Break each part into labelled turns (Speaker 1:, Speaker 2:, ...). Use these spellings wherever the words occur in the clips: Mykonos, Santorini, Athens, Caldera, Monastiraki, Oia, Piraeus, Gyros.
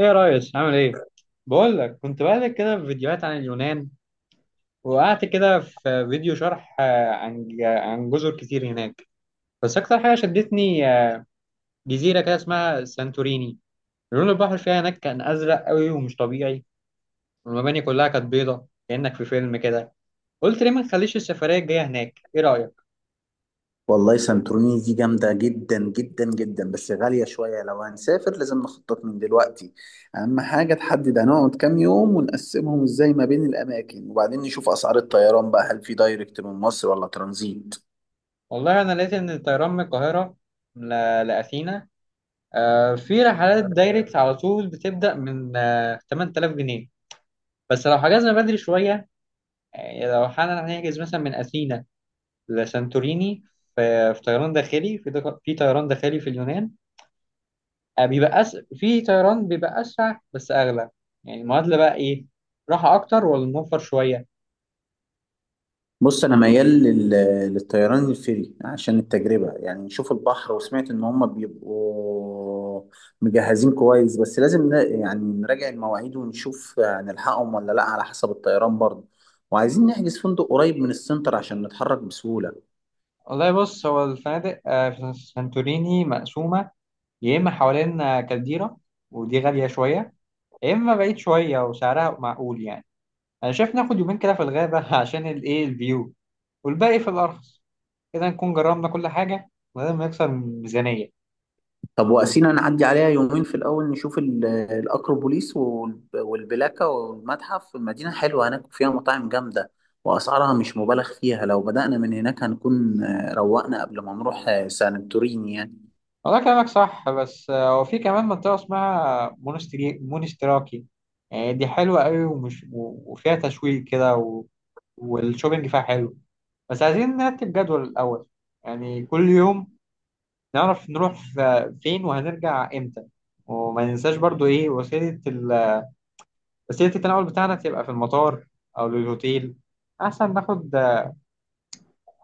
Speaker 1: ايه يا ريس، عامل ايه؟ بقول لك، كنت بقلب كده في فيديوهات عن اليونان. وقعدت كده في فيديو شرح، عن عن جزر كتير هناك. بس اكتر حاجه شدتني، جزيره كده اسمها سانتوريني. لون البحر فيها هناك كان ازرق قوي ومش طبيعي. والمباني كلها كانت بيضه، كانك في فيلم كده. قلت ليه ما نخليش السفريه الجايه هناك؟ ايه رايك؟
Speaker 2: والله سانتوريني دي جامدة جدا جدا جدا، بس غالية شوية. لو هنسافر لازم نخطط من دلوقتي. أهم حاجة تحدد هنقعد كام يوم ونقسمهم إزاي ما بين الأماكن، وبعدين نشوف أسعار الطيران بقى، هل في دايركت من مصر ولا ترانزيت؟
Speaker 1: والله انا لقيت ان الطيران من القاهره ل- لاثينا، في رحلات دايركت على طول، بتبدا من 8000 جنيه، بس لو حجزنا بدري شويه. يعني لو حالا هنحجز مثلا من أثينا لسانتوريني، في طيران داخلي، في اليونان. في طيران بيبقى أسرع بس أغلى. يعني المعادلة بقى إيه؟ راحة أكتر ولا نوفر شوية؟
Speaker 2: بص انا ميال للطيران الفري عشان التجربه، يعني نشوف البحر، وسمعت ان هم بيبقوا مجهزين كويس. بس لازم يعني نراجع المواعيد ونشوف هنلحقهم ولا لا على حسب الطيران برضه. وعايزين نحجز فندق قريب من السنتر عشان نتحرك بسهوله.
Speaker 1: والله بص، هو الفنادق في سانتوريني مقسومة. يا إما حوالين كالديرا، ودي غالية شوية. يا إما بعيد شوية وسعرها معقول يعني. أنا شايف ناخد يومين كده في الغابة عشان الإيه، الفيو. والباقي في الأرخص. كده نكون جربنا كل حاجة من غير ما يكسر الميزانية.
Speaker 2: طب وقسينا نعدي عليها يومين في الأول، نشوف الأكروبوليس والبلاكة والمتحف. المدينة حلوة هناك، فيها مطاعم جامدة وأسعارها مش مبالغ فيها. لو بدأنا من هناك هنكون روقنا قبل ما نروح سانتوريني يعني.
Speaker 1: والله كلامك صح، بس هو في كمان منطقة اسمها مونستري مونستراكي. يعني دي حلوة قوي، وفيها تشويق كده. و... والشوبينج فيها حلو. بس عايزين نرتب جدول الأول. يعني كل يوم نعرف نروح فين وهنرجع إمتى. وما ننساش برضو إيه وسيلة التنقل بتاعنا، تبقى في المطار أو للهوتيل. أحسن ناخد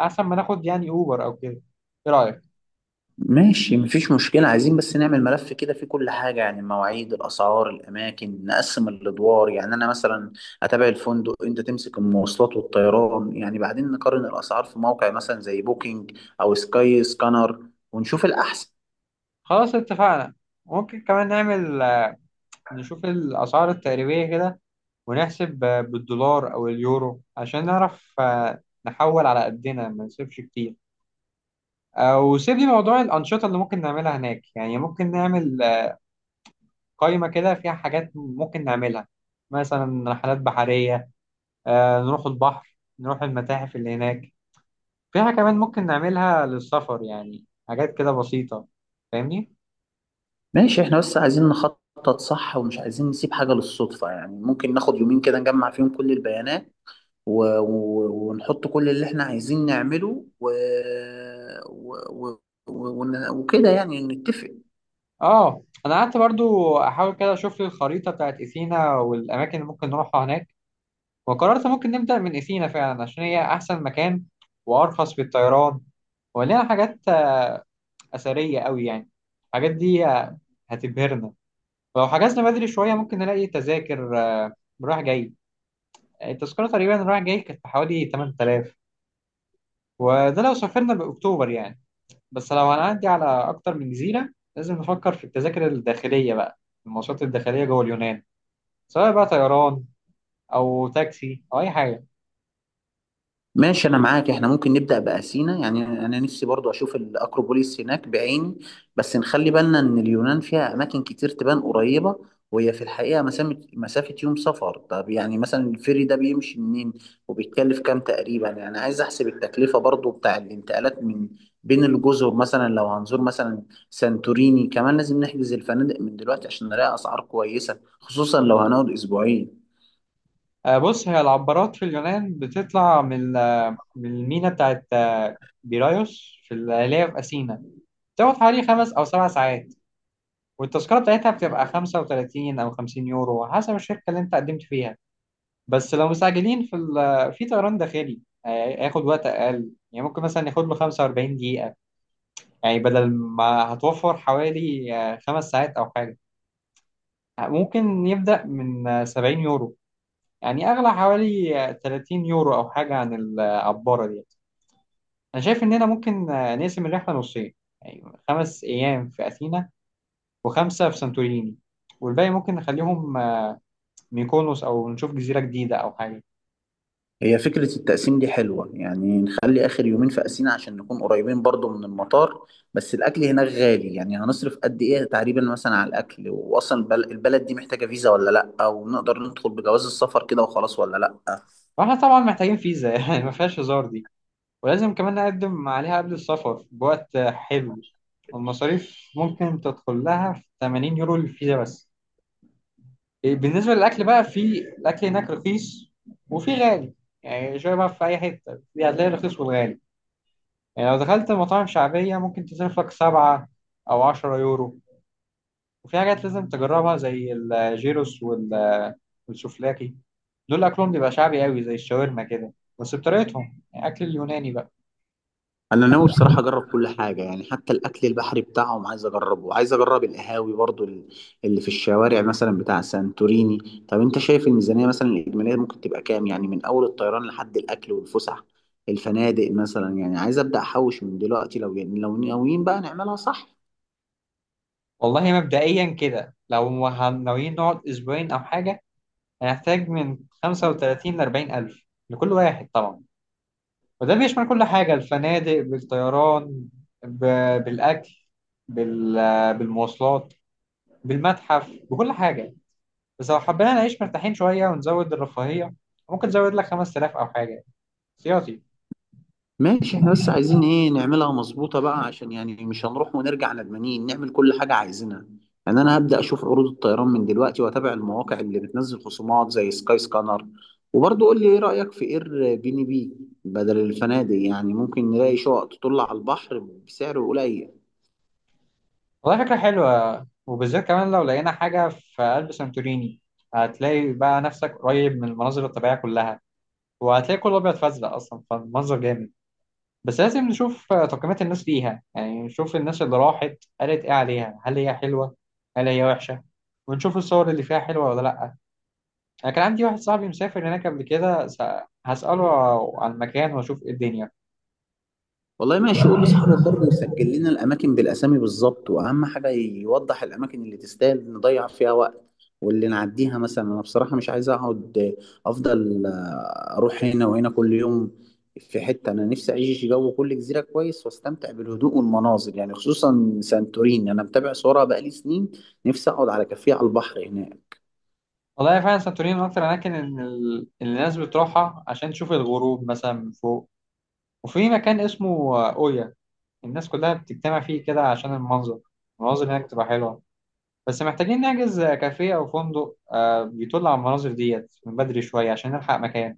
Speaker 1: أحسن ما ناخد يعني أوبر أو كده. إيه رأيك؟
Speaker 2: ماشي مفيش مشكلة، عايزين بس نعمل ملف كده فيه كل حاجة، يعني المواعيد الأسعار الأماكن. نقسم الأدوار، يعني أنا مثلا أتابع الفندق، أنت تمسك المواصلات والطيران، يعني بعدين نقارن الأسعار في موقع مثلا زي بوكينج أو سكاي سكانر ونشوف الأحسن.
Speaker 1: خلاص اتفقنا. ممكن كمان نعمل، نشوف الأسعار التقريبية كده، ونحسب بالدولار أو اليورو، عشان نعرف نحول على قدنا ما نصرفش كتير. وسيب لي موضوع الأنشطة اللي ممكن نعملها هناك. يعني ممكن نعمل قائمة كده فيها حاجات ممكن نعملها. مثلا رحلات بحرية، نروح البحر، نروح المتاحف اللي هناك فيها. كمان ممكن نعملها للسفر، يعني حاجات كده بسيطة. فاهمني؟
Speaker 2: ماشي، احنا بس عايزين نخطط صح ومش عايزين نسيب حاجة للصدفة. يعني ممكن ناخد يومين كده نجمع فيهم كل البيانات ونحط كل اللي احنا عايزين نعمله و... و... وكده يعني نتفق.
Speaker 1: اه، انا قعدت برضو احاول كده اشوف لي الخريطه بتاعت اثينا والاماكن اللي ممكن نروحها هناك. وقررت ممكن نبدا من اثينا فعلا، عشان هي احسن مكان وارخص في الطيران. ولينا حاجات اثريه قوي يعني. الحاجات دي هتبهرنا. ولو حجزنا بدري شويه ممكن نلاقي تذاكر، رايح جاي. التذكره تقريبا رايح جاي كانت بحوالي 8000. وده لو سافرنا باكتوبر يعني. بس لو هنعدي على اكتر من جزيره، لازم نفكر في التذاكر الداخليه بقى. المواصلات الداخليه جوه اليونان، سواء بقى طيران او تاكسي او اي حاجه.
Speaker 2: ماشي انا معاك، احنا ممكن نبدا باثينا، يعني انا نفسي برضو اشوف الاكروبوليس هناك بعيني. بس نخلي بالنا ان اليونان فيها اماكن كتير تبان قريبه وهي في الحقيقه مسافه، يوم سفر. طب يعني مثلا الفيري ده بيمشي منين وبيتكلف كام تقريبا؟ يعني عايز احسب التكلفه برضو بتاع الانتقالات من بين الجزر. مثلا لو هنزور مثلا سانتوريني كمان لازم نحجز الفنادق من دلوقتي عشان نلاقي اسعار كويسه، خصوصا لو هنقعد اسبوعين.
Speaker 1: بص، هي العبارات في اليونان بتطلع من، من المينا بتاعت بيرايوس، في اللي هي في اثينا. بتاخد حوالي 5 او 7 ساعات. والتذكره بتاعتها بتبقى 35 او 50 يورو، على حسب الشركه اللي انت قدمت فيها. بس لو مستعجلين، في في طيران داخلي، آه، هياخد وقت اقل. يعني ممكن مثلا ياخد له 45 دقيقه. يعني بدل ما هتوفر حوالي 5 ساعات او حاجه، ممكن يبدا من 70 يورو. يعني أغلى حوالي 30 يورو أو حاجة عن العبارة دي. أنا شايف إننا ممكن نقسم الرحلة نصين. يعني 5 أيام في أثينا، وخمسة في سانتوريني، والباقي ممكن نخليهم ميكونوس أو نشوف جزيرة جديدة أو حاجة.
Speaker 2: هي فكرة التقسيم دي حلوة، يعني نخلي آخر يومين في أسينا عشان نكون قريبين برضو من المطار. بس الأكل هناك غالي، يعني هنصرف قد إيه تقريبا مثلا على الأكل؟ وأصلا البلد دي محتاجة فيزا ولا لأ؟ ونقدر ندخل بجواز السفر كده وخلاص ولا لأ؟
Speaker 1: وإحنا طبعا محتاجين فيزا يعني ما فيهاش هزار دي. ولازم كمان نقدم عليها قبل السفر بوقت حلو. والمصاريف ممكن تدخل لها في 80 يورو للفيزا بس. إيه، بالنسبة للأكل بقى، في الأكل هناك رخيص وفي غالي. يعني شوية بقى، في أي حتة في، هتلاقي الرخيص والغالي. يعني لو دخلت مطاعم شعبية، ممكن تصرف لك 7 أو 10 يورو. وفي حاجات لازم تجربها، زي الجيروس والسوفلاكي. دول أكلهم بيبقى شعبي قوي، زي الشاورما كده، بس بطريقتهم، يعني أكل اليوناني بقى.
Speaker 2: انا ناوي بصراحه اجرب كل حاجه، يعني حتى الاكل البحري بتاعهم عايز اجربه، عايز اجرب القهاوي برضو اللي في الشوارع مثلا بتاع سانتوريني. طب انت شايف الميزانيه مثلا الاجماليه ممكن تبقى كام، يعني من اول الطيران لحد الاكل والفسح الفنادق مثلا؟ يعني عايز ابدا احوش من دلوقتي لو ناويين بقى نعملها صح.
Speaker 1: والله مبدئيا كده، لو ناويين نقعد أسبوعين أو حاجة، هنحتاج من 35 لـ40 ألف، لكل واحد طبعا. وده بيشمل كل حاجة، الفنادق بالطيران، ب... بالأكل، بال... بالمواصلات، بالمتحف، بكل حاجة. بس لو حبينا نعيش مرتاحين شوية ونزود الرفاهية، ممكن نزود لك 5000 أو حاجة احتياطي.
Speaker 2: ماشي احنا بس عايزين ايه، نعملها مظبوطة بقى، عشان يعني مش هنروح ونرجع ندمانين، نعمل كل حاجة عايزينها. يعني انا هبدأ اشوف عروض الطيران من دلوقتي واتابع المواقع اللي بتنزل خصومات زي سكاي سكانر. وبرضه قول لي ايه رأيك في اير بي ان بي بدل الفنادق؟ يعني ممكن نلاقي شقق تطل على البحر بسعر قليل.
Speaker 1: والله فكرة حلوة، وبالذات كمان لو لقينا حاجة في قلب سانتوريني. هتلاقي بقى نفسك قريب من المناظر الطبيعية كلها، وهتلاقي كله أبيض فأزرق أصلا، فالمنظر جامد. بس لازم نشوف تقييمات الناس ليها. يعني نشوف الناس اللي راحت قالت ايه عليها، هل هي حلوة هل هي وحشة؟ ونشوف الصور اللي فيها حلوة ولا لأ. أنا كان عندي واحد صاحبي مسافر هناك قبل كده، هسأله عن المكان وأشوف إيه الدنيا.
Speaker 2: والله ماشي، قول لصاحبك برضه يسجل لنا الاماكن بالاسامي بالظبط، واهم حاجه يوضح الاماكن اللي تستاهل نضيع فيها وقت واللي نعديها. مثلا انا بصراحه مش عايز اقعد، افضل اروح هنا وهنا كل يوم في حته. انا نفسي اعيش جو كل جزيره كويس واستمتع بالهدوء والمناظر، يعني خصوصا سانتوريني انا متابع صورها بقالي سنين. نفسي اقعد على كافيه على البحر هناك.
Speaker 1: والله فعلا سانتوريني من أكتر الأماكن إن اللي الناس بتروحها، عشان تشوف الغروب مثلا من فوق. وفي مكان اسمه أويا، الناس كلها بتجتمع فيه كده عشان المنظر. المناظر هناك بتبقى حلوة. بس محتاجين نحجز كافيه أو فندق بيطل على المناظر ديت من بدري شوية، عشان نلحق مكان.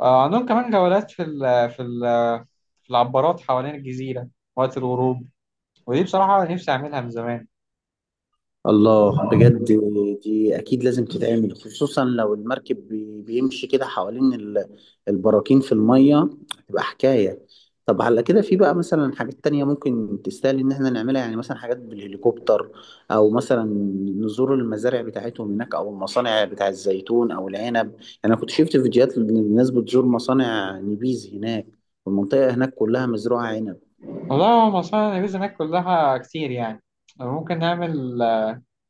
Speaker 1: عندهم كمان جولات في العبارات حوالين الجزيرة وقت الغروب. ودي بصراحة نفسي أعملها من زمان.
Speaker 2: الله، بجد دي اكيد لازم تتعمل، خصوصا لو المركب بيمشي كده حوالين البراكين في المية، تبقى حكاية. طب على كده في بقى مثلا حاجات تانية ممكن تستاهل ان احنا نعملها، يعني مثلا حاجات بالهليكوبتر، او مثلا نزور المزارع بتاعتهم هناك، او المصانع بتاع الزيتون او العنب. يعني انا كنت شفت فيديوهات للناس بتزور مصانع نبيز هناك، والمنطقة هناك كلها مزروعة عنب.
Speaker 1: والله هو مصانع النبيذ هناك كلها كتير يعني. ممكن نعمل،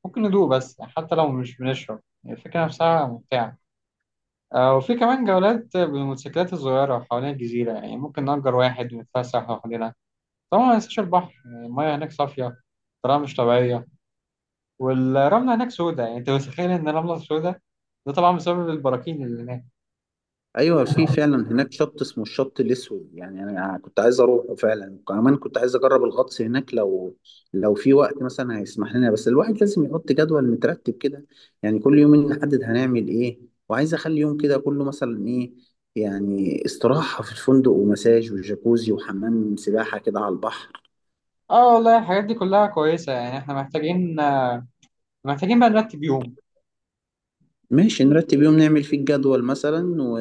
Speaker 1: ممكن ندوق بس، حتى لو مش بنشرب الفكرة نفسها ممتعة. وفي كمان جولات بالموتوسيكلات الصغيرة حوالين الجزيرة. يعني ممكن نأجر واحد ونتفسح حوالينا. طبعا ما ننساش البحر، يعني المياه هناك صافية بطريقة مش طبيعية. والرملة هناك سودة، يعني انت متخيل ان الرملة سودة؟ ده طبعا بسبب البراكين اللي هناك.
Speaker 2: ايوه في فعلا هناك شط اسمه الشط الاسود، يعني انا كنت عايز اروحه فعلا. كمان كنت عايز اجرب الغطس هناك لو في وقت مثلا هيسمح لنا. بس الواحد لازم يحط جدول مترتب كده، يعني كل يومين نحدد هنعمل ايه. وعايز اخلي يوم كده كله مثلا ايه، يعني استراحة في الفندق ومساج وجاكوزي وحمام سباحة كده على البحر.
Speaker 1: اه والله، الحاجات دي كلها كويسة. يعني احنا محتاجين، بقى نرتب يوم.
Speaker 2: ماشي نرتب يوم نعمل فيه الجدول مثلا،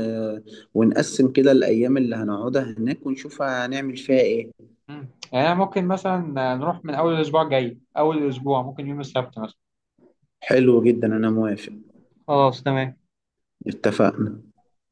Speaker 2: ونقسم كده الأيام اللي هنقعدها هناك ونشوف هنعمل فيها ايه.
Speaker 1: يعني أنا ممكن مثلا نروح من اول الاسبوع الجاي. اول الاسبوع ممكن يوم السبت مثلا.
Speaker 2: حلو جدا، أنا موافق.
Speaker 1: خلاص تمام.
Speaker 2: اتفقنا.